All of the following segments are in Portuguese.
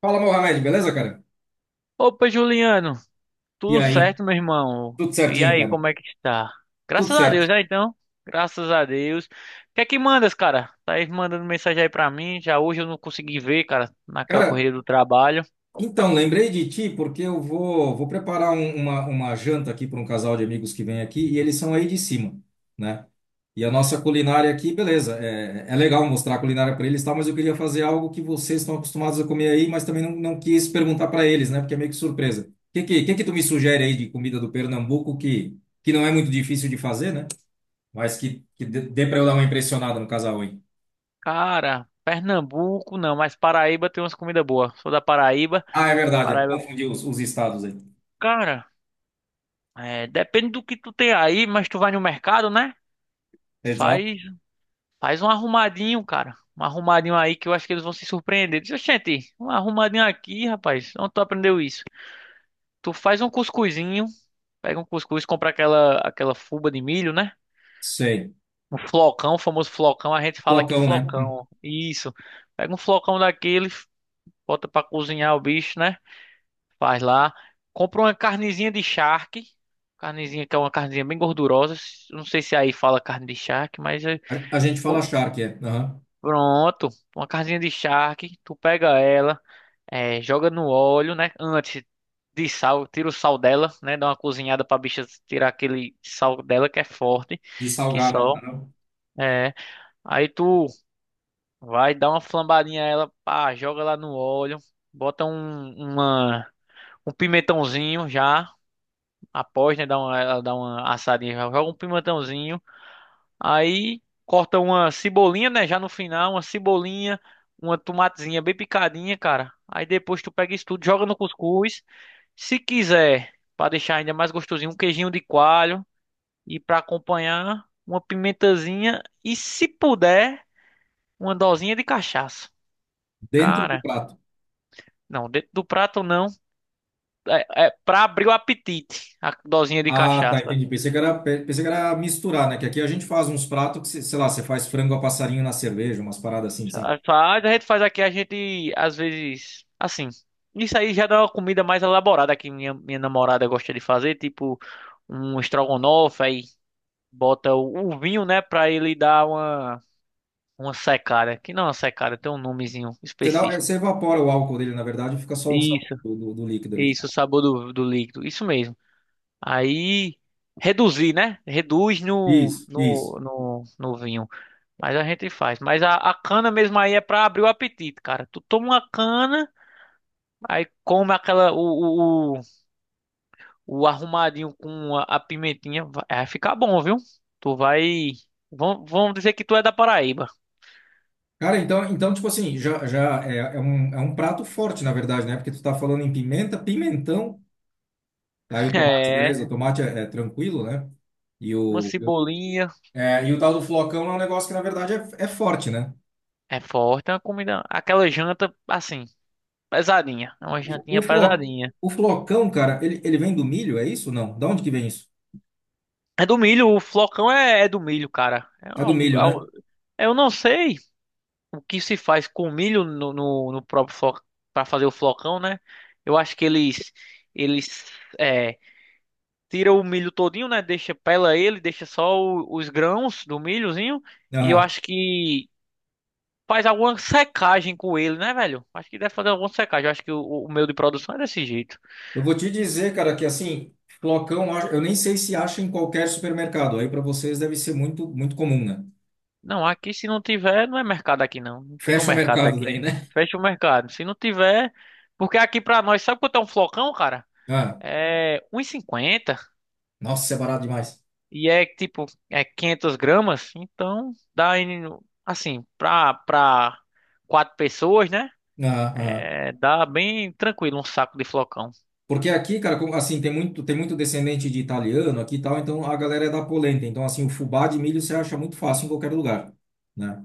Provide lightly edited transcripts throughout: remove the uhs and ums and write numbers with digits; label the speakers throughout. Speaker 1: Fala, Mohamed, beleza, cara?
Speaker 2: Opa, Juliano,
Speaker 1: E
Speaker 2: tudo
Speaker 1: aí?
Speaker 2: certo, meu irmão?
Speaker 1: Tudo
Speaker 2: E
Speaker 1: certinho,
Speaker 2: aí,
Speaker 1: cara?
Speaker 2: como é que está?
Speaker 1: Tudo
Speaker 2: Graças a
Speaker 1: certo.
Speaker 2: Deus, né, então? Graças a Deus. O que é que mandas, cara? Tá aí mandando mensagem aí pra mim. Já hoje eu não consegui ver, cara, naquela
Speaker 1: Cara,
Speaker 2: correria do trabalho.
Speaker 1: então, lembrei de ti porque eu vou preparar uma janta aqui para um casal de amigos que vem aqui e eles são aí de cima, né? E a nossa culinária aqui, beleza, é legal mostrar a culinária para eles, e tal, mas eu queria fazer algo que vocês estão acostumados a comer aí, mas também não quis perguntar para eles, né? Porque é meio que surpresa. O que que tu me sugere aí de comida do Pernambuco que não é muito difícil de fazer, né? Mas que dê para eu dar uma impressionada no casal, hein?
Speaker 2: Cara, Pernambuco não, mas Paraíba tem umas comidas boas. Sou da Paraíba.
Speaker 1: Ah, é verdade.
Speaker 2: Paraíba,
Speaker 1: Confundi os estados aí.
Speaker 2: cara, é, depende do que tu tem aí, mas tu vai no mercado, né?
Speaker 1: Exato.
Speaker 2: Faz Faz um arrumadinho, cara. Um arrumadinho aí que eu acho que eles vão se surpreender. Diz, gente, um arrumadinho aqui, rapaz. Onde tu aprendeu isso? Tu faz um cuscuzinho, pega um cuscuz, compra aquela fuba de milho, né?
Speaker 1: Sei.
Speaker 2: Um flocão, o famoso flocão. A gente fala aqui
Speaker 1: Flocão, né? Hum.
Speaker 2: flocão. Isso. Pega um flocão daquele, bota pra cozinhar o bicho, né? Faz lá. Compra uma carnezinha de charque. Carnezinha que é uma carnezinha bem gordurosa. Não sei se aí fala carne de charque, mas
Speaker 1: A gente fala charque, é. Aham.
Speaker 2: pronto. Uma carnezinha de charque. Tu pega ela. É, joga no óleo, né? Antes de sal, tira o sal dela, né? Dá uma cozinhada pra bicha tirar aquele sal dela que é forte,
Speaker 1: De
Speaker 2: que
Speaker 1: salgar, né?
Speaker 2: sal.
Speaker 1: Aham.
Speaker 2: É. Aí tu vai dar uma flambadinha a ela, pá, joga lá no óleo, bota um pimentãozinho já, após, né? Ela dá uma assadinha, já joga um pimentãozinho. Aí corta uma cebolinha, né? Já no final, uma cebolinha, uma tomatezinha bem picadinha, cara. Aí depois tu pega isso tudo, joga no cuscuz. Se quiser, para deixar ainda mais gostosinho, um queijinho de coalho e para acompanhar uma pimentazinha e se puder, uma dosinha de cachaça.
Speaker 1: Dentro do
Speaker 2: Cara,
Speaker 1: prato.
Speaker 2: não, dentro do prato não, é para abrir o apetite, a dosinha de
Speaker 1: Ah, tá,
Speaker 2: cachaça.
Speaker 1: entendi. Pensei que era, pensei que era misturar, né? Que aqui a gente faz uns pratos que, sei lá, você faz frango a passarinho na cerveja, umas paradas assim, sabe?
Speaker 2: A gente faz aqui, a gente às vezes, assim, isso aí já dá uma comida mais elaborada que minha namorada gosta de fazer, tipo um estrogonofe, aí bota o vinho, né, para ele dar uma secada, que não é uma secada, tem um nomezinho
Speaker 1: Você dá,
Speaker 2: específico.
Speaker 1: você evapora o álcool dele, na verdade, e fica só o sabor
Speaker 2: Isso,
Speaker 1: do líquido ali.
Speaker 2: isso, o sabor do líquido, isso mesmo. Aí, reduzir, né? Reduz no,
Speaker 1: Isso, isso.
Speaker 2: no, no, no vinho. Mas a gente faz. Mas a cana mesmo aí é pra abrir o apetite, cara. Tu toma uma cana, aí come aquela, o arrumadinho com a pimentinha, vai ficar bom, viu? Tu vai. Vão dizer que tu é da Paraíba.
Speaker 1: Cara, então tipo assim, já é, é um prato forte, na verdade, né? Porque tu tá falando em pimenta, pimentão, aí o tomate,
Speaker 2: É,
Speaker 1: beleza, o tomate é tranquilo, né? E
Speaker 2: uma
Speaker 1: o, eu-
Speaker 2: cebolinha,
Speaker 1: e o tal do flocão é um negócio que, na verdade, é forte, né?
Speaker 2: é forte, é uma comida. Aquela janta, assim. Pesadinha. É uma
Speaker 1: O,
Speaker 2: jantinha
Speaker 1: flo,
Speaker 2: pesadinha.
Speaker 1: o flocão, cara, ele vem do milho, é isso? Não. Da onde que vem isso?
Speaker 2: É do milho, o flocão é do milho, cara.
Speaker 1: É do milho, né?
Speaker 2: Eu não sei o que se faz com milho no próprio flocão, para fazer o flocão, né? Eu acho que eles é, tiram o milho todinho, né? Deixa, pela ele, deixa só os grãos do milhozinho. E eu
Speaker 1: Aham.
Speaker 2: acho que faz alguma secagem com ele, né, velho? Acho que deve fazer alguma secagem. Eu acho que o meu de produção é desse jeito.
Speaker 1: Eu vou te dizer, cara, que assim, flocão, eu nem sei se acha em qualquer supermercado. Aí para vocês deve ser muito, muito comum, né?
Speaker 2: Não, aqui se não tiver, não é mercado aqui não. Não tira o
Speaker 1: Fecha o
Speaker 2: mercado
Speaker 1: mercado
Speaker 2: daqui.
Speaker 1: daí, né?
Speaker 2: Fecha o mercado. Se não tiver, porque aqui pra nós, sabe quanto é um flocão, cara?
Speaker 1: Ah,
Speaker 2: É 1,50 e cinquenta
Speaker 1: nossa, é barato demais.
Speaker 2: e é tipo, é 500 gramas, então dá aí assim, pra quatro pessoas, né?
Speaker 1: Ah, ah.
Speaker 2: É, dá bem tranquilo um saco de flocão.
Speaker 1: Porque aqui, cara, como, assim, tem muito descendente de italiano aqui e tal, então a galera é da polenta. Então, assim, o fubá de milho você acha muito fácil em qualquer lugar, né?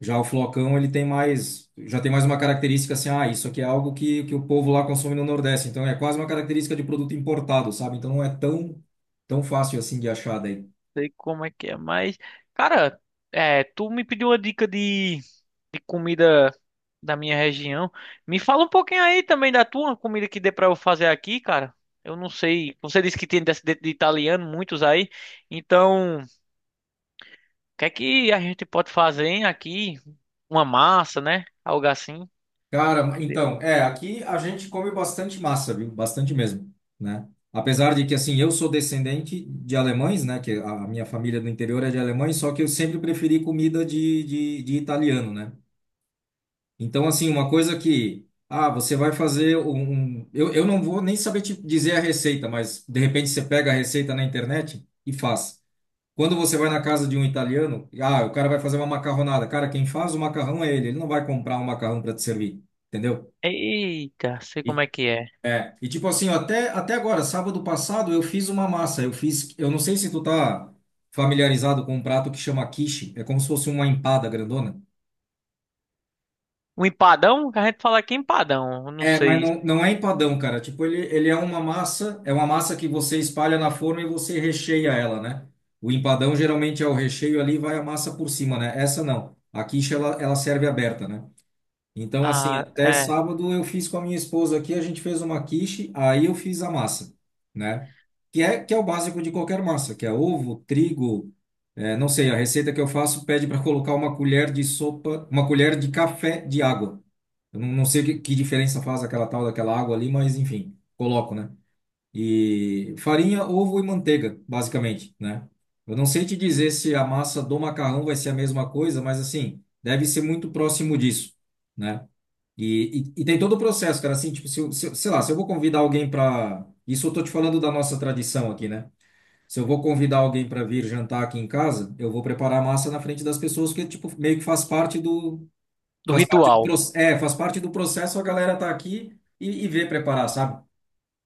Speaker 1: Já o flocão, já tem mais uma característica assim, ah, isso aqui é algo que o povo lá consome no Nordeste. Então, é quase uma característica de produto importado, sabe? Então, não é tão fácil assim de achar daí.
Speaker 2: Sei como é que é, mas, cara, é, tu me pediu uma dica de comida da minha região. Me fala um pouquinho aí também da tua comida que dê pra eu fazer aqui, cara. Eu não sei, você disse que tem descendente de italiano, muitos aí. Então, o que é que a gente pode fazer hein, aqui? Uma massa, né? Algo assim.
Speaker 1: Cara, então, é, aqui a gente come bastante massa, viu? Bastante mesmo, né? Apesar de que, assim, eu sou descendente de alemães, né? Que a minha família do interior é de alemães, só que eu sempre preferi comida de italiano, né? Então, assim, uma coisa que, ah, você vai fazer um... um- eu não vou nem saber te dizer a receita, mas de repente você pega a receita na internet e faz. Quando você vai na casa de um italiano, ah, o cara vai fazer uma macarronada. Cara, quem faz o macarrão é ele, não vai comprar um macarrão para te servir, entendeu?
Speaker 2: Eita, sei como é que é.
Speaker 1: E tipo assim, ó, até agora, sábado passado, eu fiz uma massa. Eu não sei se tu tá familiarizado com um prato que chama quiche. É como se fosse uma empada grandona.
Speaker 2: Um empadão? A gente fala aqui empadão, eu não
Speaker 1: É, mas
Speaker 2: sei.
Speaker 1: não é empadão, cara. Tipo, ele é uma massa que você espalha na forma e você recheia ela, né? O empadão geralmente é o recheio ali, e vai a massa por cima, né? Essa não. A quiche, ela serve aberta, né? Então, assim,
Speaker 2: Ah,
Speaker 1: até
Speaker 2: é,
Speaker 1: sábado eu fiz com a minha esposa aqui, a gente fez uma quiche, aí eu fiz a massa, né? Que é o básico de qualquer massa, que é ovo, trigo, não sei, a receita que eu faço pede para colocar uma colher de sopa, uma colher de café de água. Eu não sei que diferença faz aquela tal daquela água ali, mas enfim, coloco, né? E farinha, ovo e manteiga, basicamente, né? Eu não sei te dizer se a massa do macarrão vai ser a mesma coisa, mas assim, deve ser muito próximo disso, né? E tem todo o processo, cara, assim, tipo, se, eu- se, eu- sei lá, se eu vou convidar alguém para, isso eu tô te falando da nossa tradição aqui, né? Se eu vou convidar alguém para vir jantar aqui em casa, eu vou preparar a massa na frente das pessoas, que tipo, meio que
Speaker 2: do ritual.
Speaker 1: faz parte do processo, a galera tá aqui e vê preparar, sabe?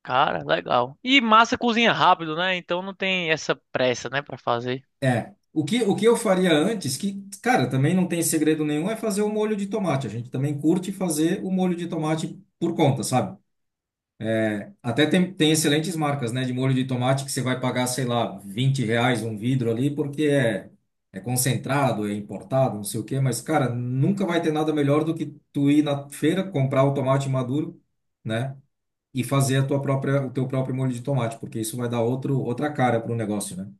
Speaker 2: Cara, legal. E massa cozinha rápido, né? Então não tem essa pressa, né, pra fazer.
Speaker 1: É, o que eu faria antes, que, cara, também não tem segredo nenhum, é fazer o molho de tomate. A gente também curte fazer o molho de tomate por conta, sabe? Até tem excelentes marcas, né, de molho de tomate que você vai pagar, sei lá, R$ 20 um vidro ali, porque é concentrado, é importado, não sei o quê, mas, cara, nunca vai ter nada melhor do que tu ir na feira, comprar o tomate maduro, né, e fazer a tua própria, o teu próprio molho de tomate, porque isso vai dar outro, outra cara para o negócio, né?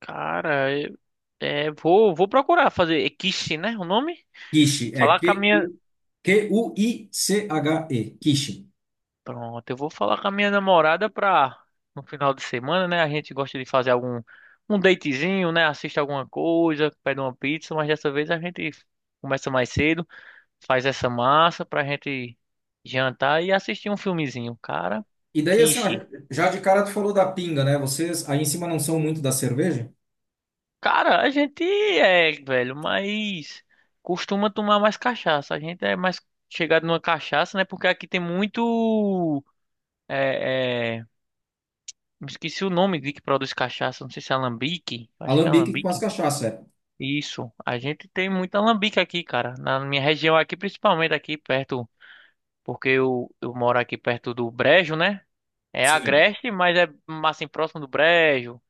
Speaker 2: Cara, é, vou procurar fazer. É quiche, né? O nome?
Speaker 1: Quiche, é
Speaker 2: Falar com a minha.
Speaker 1: Quiche, quiche.
Speaker 2: Pronto, eu vou falar com a minha namorada pra. No final de semana, né? A gente gosta de fazer algum. Um datezinho, né? Assiste alguma coisa, pede uma pizza, mas dessa vez a gente começa mais cedo, faz essa massa pra gente jantar e assistir um filmezinho. Cara,
Speaker 1: E daí, assim, ó,
Speaker 2: quiche.
Speaker 1: já de cara tu falou da pinga, né? Vocês aí em cima não são muito da cerveja?
Speaker 2: Cara, a gente é, velho, mas costuma tomar mais cachaça. A gente é mais chegado numa cachaça, né? Porque aqui tem muito. É, me esqueci o nome de que produz cachaça. Não sei se é alambique. Acho que é
Speaker 1: Alambique com as
Speaker 2: alambique.
Speaker 1: cachaça, é.
Speaker 2: Isso. A gente tem muito alambique aqui, cara. Na minha região aqui, principalmente aqui perto. Porque eu moro aqui perto do Brejo, né? É
Speaker 1: Sim.
Speaker 2: Agreste, mas é assim, próximo do Brejo.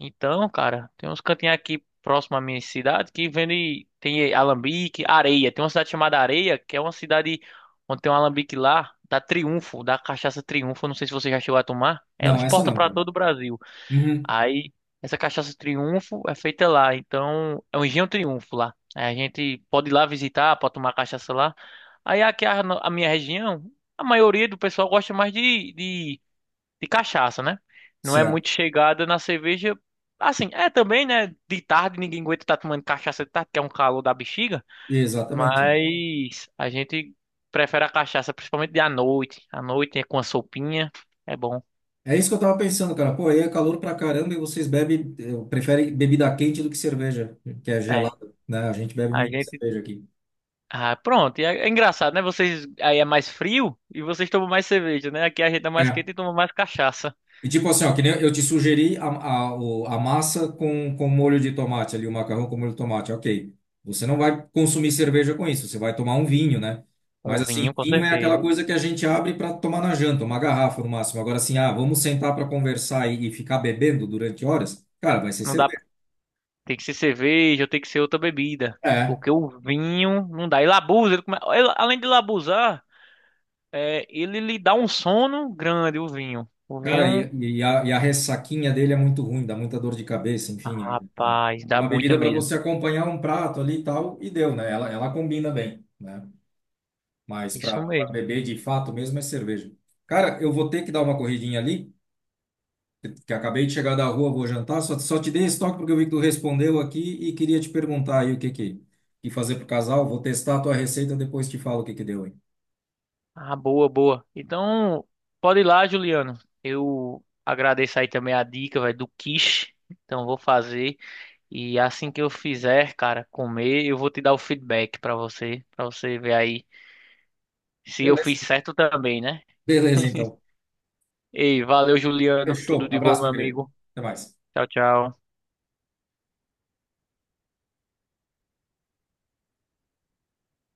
Speaker 2: Então, cara, tem uns cantinhos aqui próximo à minha cidade que vende. Tem alambique, areia. Tem uma cidade chamada Areia, que é uma cidade onde tem um alambique lá, da Triunfo, da cachaça Triunfo. Não sei se você já chegou a tomar. Ela
Speaker 1: Não, essa
Speaker 2: exporta
Speaker 1: não,
Speaker 2: para
Speaker 1: cara.
Speaker 2: todo o Brasil.
Speaker 1: Uhum,
Speaker 2: Aí, essa cachaça Triunfo é feita lá. Então, é um engenho Triunfo lá. Aí a gente pode ir lá visitar, pode tomar cachaça lá. Aí, aqui a minha região, a maioria do pessoal gosta mais de cachaça, né? Não é
Speaker 1: certo.
Speaker 2: muito chegada na cerveja. Assim, é também, né? De tarde ninguém aguenta estar tomando cachaça de tarde, que é um calor da bexiga.
Speaker 1: Exatamente.
Speaker 2: Mas a gente prefere a cachaça, principalmente de à noite. À noite é com a sopinha, é bom.
Speaker 1: É isso que eu tava pensando, cara. Pô, aí é calor pra caramba e vocês bebem, preferem bebida quente do que cerveja, que é
Speaker 2: É,
Speaker 1: gelada, né? A gente bebe
Speaker 2: a
Speaker 1: muito
Speaker 2: gente.
Speaker 1: cerveja aqui.
Speaker 2: Ah, pronto. É engraçado, né? Vocês aí é mais frio e vocês tomam mais cerveja, né? Aqui a gente é mais
Speaker 1: É.
Speaker 2: quente e toma mais cachaça.
Speaker 1: E tipo assim, ó, que nem eu te sugeri a massa com molho de tomate ali, o macarrão com molho de tomate, ok. Você não vai consumir cerveja com isso, você vai tomar um vinho, né? Mas
Speaker 2: Um
Speaker 1: assim,
Speaker 2: vinho, com
Speaker 1: vinho é aquela
Speaker 2: certeza.
Speaker 1: coisa que a gente abre para tomar na janta, uma garrafa no máximo. Agora assim, ah, vamos sentar para conversar e ficar bebendo durante horas? Cara, vai ser
Speaker 2: Não dá.
Speaker 1: cerveja.
Speaker 2: Tem que ser cerveja ou tem que ser outra bebida.
Speaker 1: É,
Speaker 2: Porque o vinho não dá. Ele abusa, além de ele abusar, é, ele lhe dá um sono grande, o vinho. O
Speaker 1: cara, e,
Speaker 2: vinho,
Speaker 1: e a, e a ressaquinha dele é muito ruim, dá muita dor de cabeça,
Speaker 2: ah,
Speaker 1: enfim. É
Speaker 2: rapaz,
Speaker 1: É
Speaker 2: dá
Speaker 1: uma
Speaker 2: muita
Speaker 1: bebida para
Speaker 2: mesmo.
Speaker 1: você acompanhar um prato ali e tal, e deu, né? Ela combina bem, né? Mas
Speaker 2: Isso
Speaker 1: para
Speaker 2: mesmo.
Speaker 1: beber de fato mesmo é cerveja. Cara, eu vou ter que dar uma corridinha ali, que acabei de chegar da rua, vou jantar. Só te dei esse toque porque eu vi que tu respondeu aqui e queria te perguntar aí o que que fazer pro casal. Vou testar a tua receita, depois te falo o que que deu, hein?
Speaker 2: Ah, boa, boa. Então, pode ir lá, Juliano. Eu agradeço aí também a dica, velho, do quiche. Então, vou fazer. E assim que eu fizer, cara, comer, eu vou te dar o feedback pra você ver aí se eu
Speaker 1: Beleza.
Speaker 2: fiz certo também, né?
Speaker 1: Beleza, então.
Speaker 2: Ei, valeu, Juliano. Tudo
Speaker 1: Fechou.
Speaker 2: de bom,
Speaker 1: Abraço,
Speaker 2: meu
Speaker 1: meu querido.
Speaker 2: amigo.
Speaker 1: Até mais.
Speaker 2: Tchau, tchau.